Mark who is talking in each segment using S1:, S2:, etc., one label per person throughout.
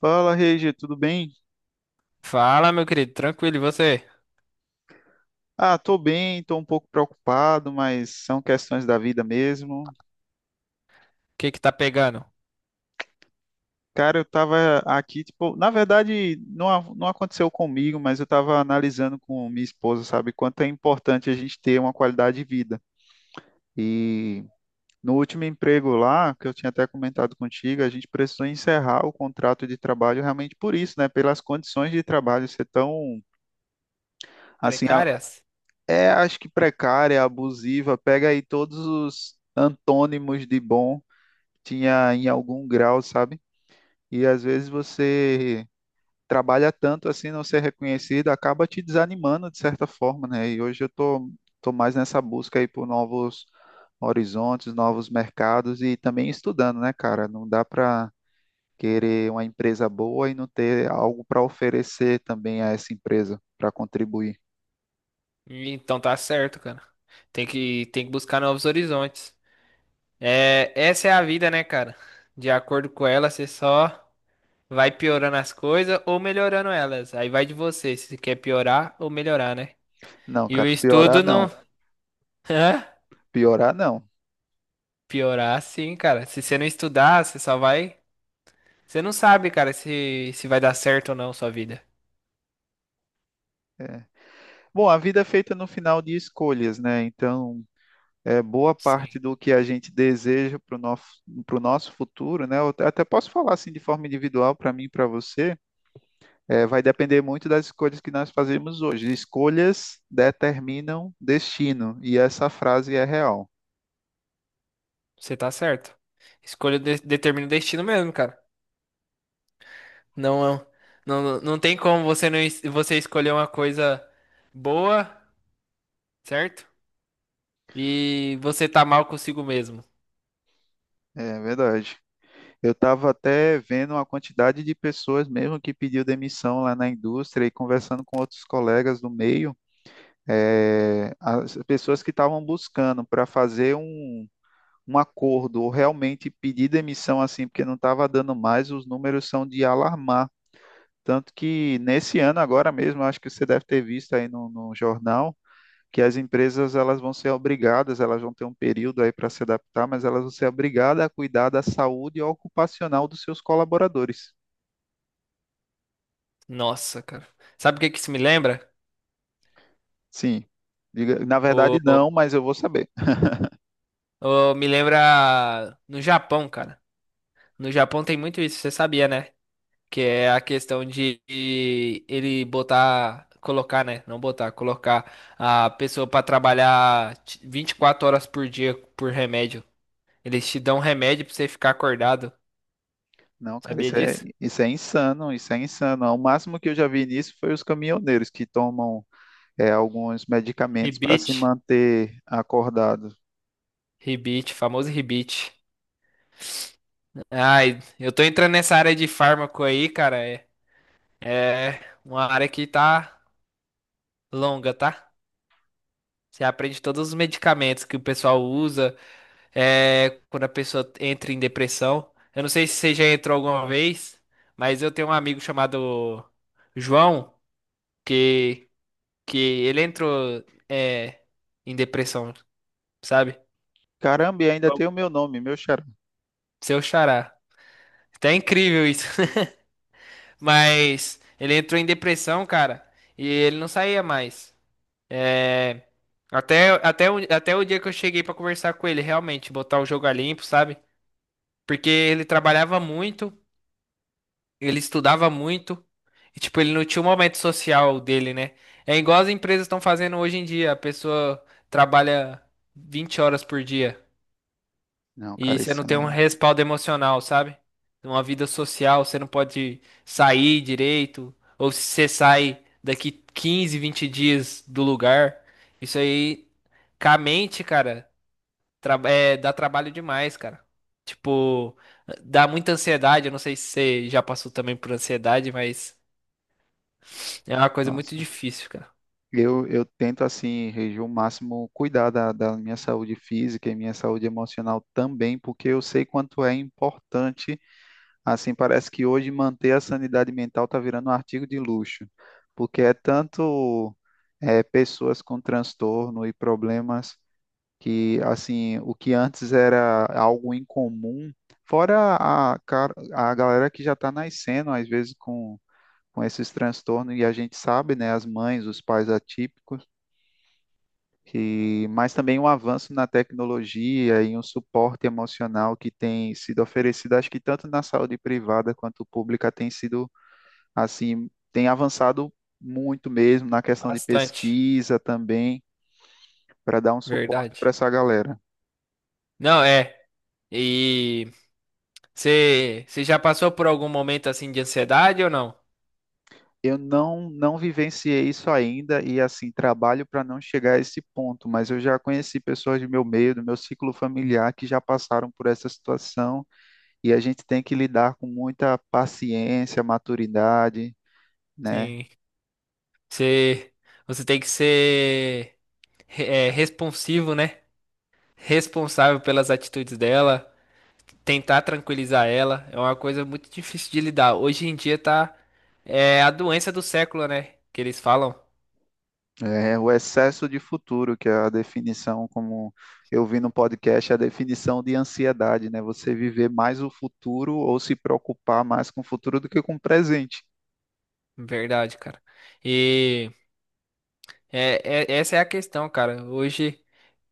S1: Fala, Regi, tudo bem?
S2: Fala, meu querido, tranquilo, e você?
S1: Ah, tô bem, tô um pouco preocupado, mas são questões da vida mesmo.
S2: O que que tá pegando?
S1: Cara, eu tava aqui, tipo, na verdade, não, não aconteceu comigo, mas eu tava analisando com minha esposa, sabe, quanto é importante a gente ter uma qualidade de vida. E no último emprego lá, que eu tinha até comentado contigo, a gente precisou encerrar o contrato de trabalho realmente por isso, né? Pelas condições de trabalho ser tão, assim,
S2: Precárias?
S1: é, acho que precária, abusiva, pega aí todos os antônimos de bom, tinha em algum grau, sabe? E às vezes você trabalha tanto assim, não ser reconhecido, acaba te desanimando de certa forma, né? E hoje eu tô, tô mais nessa busca aí por novos horizontes, novos mercados e também estudando, né, cara? Não dá para querer uma empresa boa e não ter algo para oferecer também a essa empresa, para contribuir.
S2: Ih, então tá certo, cara. Tem que buscar novos horizontes. É, essa é a vida, né, cara? De acordo com ela, você só vai piorando as coisas ou melhorando elas. Aí vai de você, se você quer piorar ou melhorar, né?
S1: Não,
S2: E o
S1: cara, piorar
S2: estudo não.
S1: não.
S2: Hã?
S1: Piorar não.
S2: Piorar, sim, cara. Se você não estudar, você só vai. Você não sabe, cara, se vai dar certo ou não sua vida.
S1: Bom, a vida é feita no final de escolhas, né? Então, é boa parte
S2: Sim.
S1: do que a gente deseja para o nosso, para nosso futuro, né? Eu até posso falar assim de forma individual para mim e para você, é, vai depender muito das escolhas que nós fazemos hoje. Escolhas determinam destino, e essa frase é real.
S2: Você tá certo. Determina o destino mesmo, cara. Não, não, não tem como você não es- você escolher uma coisa boa, certo? E você tá mal consigo mesmo.
S1: É verdade. Eu estava até vendo a quantidade de pessoas mesmo que pediu demissão lá na indústria e conversando com outros colegas do meio. É, as pessoas que estavam buscando para fazer um, um acordo ou realmente pedir demissão assim, porque não estava dando mais, os números são de alarmar. Tanto que nesse ano agora mesmo, acho que você deve ter visto aí no jornal, que as empresas elas vão ser obrigadas, elas vão ter um período aí para se adaptar, mas elas vão ser obrigadas a cuidar da saúde ocupacional dos seus colaboradores.
S2: Nossa, cara. Sabe o que que isso me lembra?
S1: Sim, na verdade
S2: O,
S1: não, mas eu vou saber.
S2: Me lembra no Japão, cara. No Japão tem muito isso, você sabia, né? Que é a questão de ele botar, colocar, né? Não botar, colocar a pessoa pra 24 horas por dia por remédio. Eles te dão um remédio pra você ficar acordado.
S1: Não, cara,
S2: Sabia disso?
S1: isso é insano, isso é insano. O máximo que eu já vi nisso foi os caminhoneiros que tomam é, alguns medicamentos para se
S2: Rebite.
S1: manter acordado.
S2: Rebite, famoso rebite. Ai, eu tô entrando nessa área de fármaco aí, cara. É uma área que tá longa, tá? Você aprende todos os medicamentos que o pessoal usa, quando a pessoa entra em depressão. Eu não sei se você já entrou alguma vez, mas eu tenho um amigo chamado João, que, que ele entrou, é, em depressão, sabe?
S1: Caramba, e ainda
S2: Bom.
S1: tem o meu nome, meu xará.
S2: Seu xará. Tá incrível isso. Mas ele entrou em depressão, cara, e ele não saía mais. É. Até o dia que eu cheguei pra conversar com ele, realmente, botar o jogo a limpo, sabe? Porque ele trabalhava muito, ele estudava muito, e tipo, ele não tinha o momento social dele, né? É igual as empresas estão fazendo hoje em dia, a pessoa trabalha 20 horas por dia.
S1: Não,
S2: E
S1: cara,
S2: você
S1: isso
S2: não tem
S1: é.
S2: um respaldo emocional, sabe? Uma vida social, você não pode sair direito. Ou se você sai daqui 15, 20 dias do lugar. Isso aí, com a mente, cara, dá trabalho demais, cara. Tipo, dá muita ansiedade. Eu não sei se você já passou também por ansiedade, mas é uma coisa muito
S1: Nossa.
S2: difícil, cara.
S1: Eu tento, assim, reger o máximo, cuidar da minha saúde física e minha saúde emocional também, porque eu sei quanto é importante. Assim, parece que hoje manter a sanidade mental está virando um artigo de luxo, porque é tanto é, pessoas com transtorno e problemas que, assim, o que antes era algo incomum, fora a, a galera que já está nascendo, às vezes, com esses transtornos, e a gente sabe, né, as mães, os pais atípicos e mas também um avanço na tecnologia e um suporte emocional que tem sido oferecido, acho que tanto na saúde privada quanto pública tem sido assim, tem avançado muito mesmo na questão de
S2: Bastante.
S1: pesquisa também, para dar um suporte para
S2: Verdade.
S1: essa galera.
S2: Não, é. E você já passou por algum momento assim de ansiedade ou não?
S1: Eu não vivenciei isso ainda e assim trabalho para não chegar a esse ponto, mas eu já conheci pessoas do meu meio, do meu ciclo familiar que já passaram por essa situação e a gente tem que lidar com muita paciência, maturidade, né?
S2: Sim. Você, você tem que ser responsivo, né? Responsável pelas atitudes dela, tentar tranquilizar ela. É uma coisa muito difícil de lidar. Hoje em dia tá é a doença do século, né? Que eles falam.
S1: É, o excesso de futuro, que é a definição, como eu vi no podcast, é a definição de ansiedade, né? Você viver mais o futuro ou se preocupar mais com o futuro do que com o presente.
S2: Verdade, cara. E essa é a questão, cara. Hoje,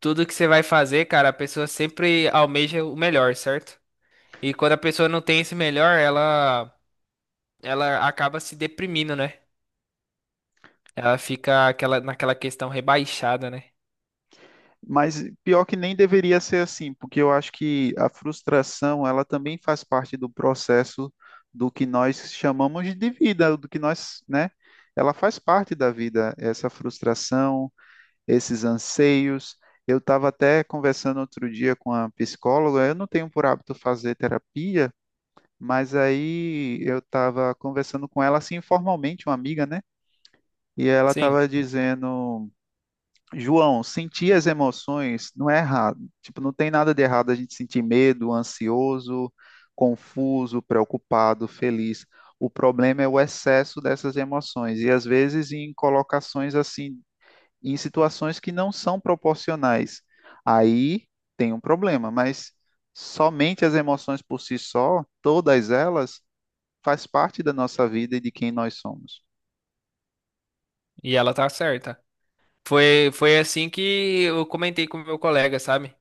S2: tudo que você vai fazer, cara, a pessoa sempre almeja o melhor, certo? E quando a pessoa não tem esse melhor, ela acaba se deprimindo, né? Ela fica aquela, naquela questão rebaixada, né?
S1: Mas pior que nem deveria ser assim, porque eu acho que a frustração, ela também faz parte do processo do que nós chamamos de vida, do que nós, né? Ela faz parte da vida, essa frustração, esses anseios. Eu estava até conversando outro dia com a psicóloga, eu não tenho por hábito fazer terapia, mas aí eu estava conversando com ela assim informalmente, uma amiga, né? E ela
S2: Sim,
S1: estava dizendo, João, sentir as emoções não é errado. Tipo, não tem nada de errado a gente sentir medo, ansioso, confuso, preocupado, feliz. O problema é o excesso dessas emoções e às vezes em colocações assim em situações que não são proporcionais. Aí tem um problema, mas somente as emoções por si só, todas elas, faz parte da nossa vida e de quem nós somos.
S2: e ela tá certa. Foi assim que eu comentei com o meu colega, sabe?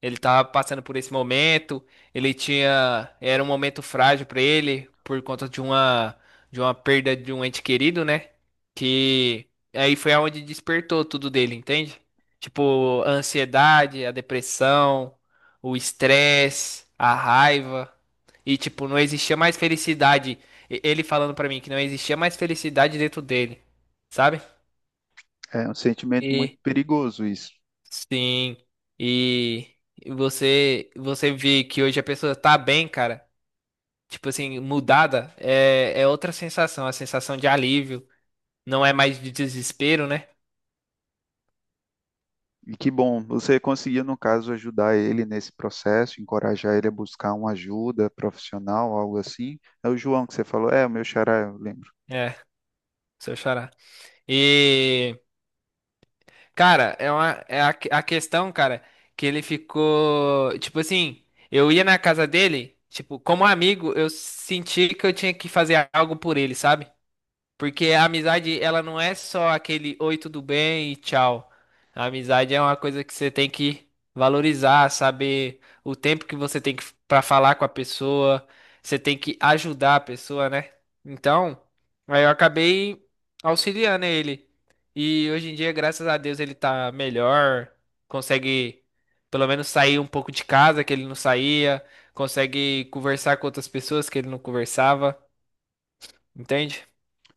S2: Ele tava passando por esse momento, ele tinha, era um momento frágil pra ele por conta de uma perda de um ente querido, né? Que aí foi aonde despertou tudo dele, entende? Tipo, a ansiedade, a depressão, o estresse, a raiva. E tipo, não existia mais felicidade. Ele falando pra mim que não existia mais felicidade dentro dele, sabe?
S1: É um sentimento muito
S2: E
S1: perigoso isso.
S2: sim. E e você vê que hoje a pessoa tá bem, cara. Tipo assim, mudada, é outra sensação, a sensação de alívio, não é mais de desespero, né?
S1: E que bom, você conseguiu, no caso, ajudar ele nesse processo, encorajar ele a buscar uma ajuda profissional, algo assim. É o João que você falou, é, o meu xará, eu lembro.
S2: É, se eu chorar. E, cara, é uma é a questão, cara, que ele ficou, tipo assim, eu ia na casa dele, tipo, como amigo, eu senti que eu tinha que fazer algo por ele, sabe? Porque a amizade, ela não é só aquele oi, tudo bem e tchau. A amizade é uma coisa que você tem que valorizar, saber o tempo que você tem que para falar com a pessoa, você tem que ajudar a pessoa, né? Então, aí eu acabei auxiliando ele. E hoje em dia, graças a Deus, ele tá melhor, consegue pelo menos sair um pouco de casa que ele não saía, consegue conversar com outras pessoas que ele não conversava, entende?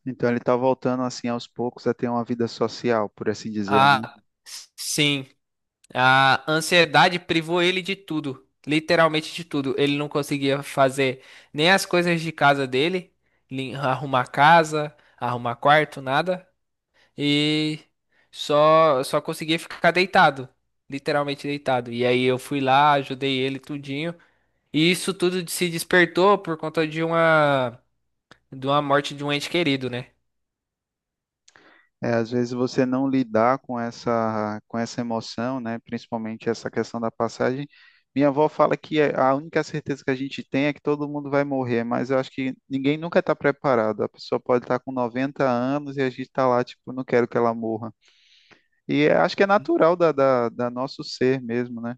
S1: Então ele está voltando, assim, aos poucos a ter uma vida social, por assim dizer, né?
S2: Ah, sim. A ansiedade privou ele de tudo, literalmente de tudo. Ele não conseguia fazer nem as coisas de casa dele, arrumar casa, arrumar quarto, nada. E só conseguia ficar deitado, literalmente deitado. E aí eu fui lá, ajudei ele tudinho. E isso tudo se despertou por conta de uma morte de um ente querido, né?
S1: É, às vezes você não lidar com essa emoção, né? Principalmente essa questão da passagem. Minha avó fala que a única certeza que a gente tem é que todo mundo vai morrer, mas eu acho que ninguém nunca está preparado. A pessoa pode estar com 90 anos e a gente está lá, tipo, não quero que ela morra. E acho que é natural da nosso ser mesmo, né?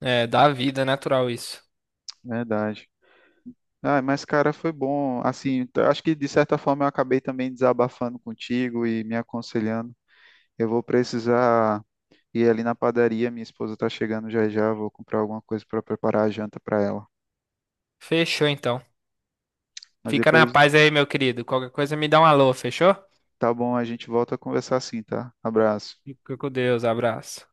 S2: É, da vida natural isso.
S1: Verdade. Ah, mas cara, foi bom. Assim, acho que de certa forma eu acabei também desabafando contigo e me aconselhando. Eu vou precisar. E ali na padaria, minha esposa tá chegando já já, vou comprar alguma coisa para preparar a janta para ela.
S2: Fechou então.
S1: Mas
S2: Fica
S1: depois,
S2: na paz aí, meu querido. Qualquer coisa me dá um alô, fechou?
S1: tá bom, a gente volta a conversar assim, tá? Abraço.
S2: Fica com Deus, abraço.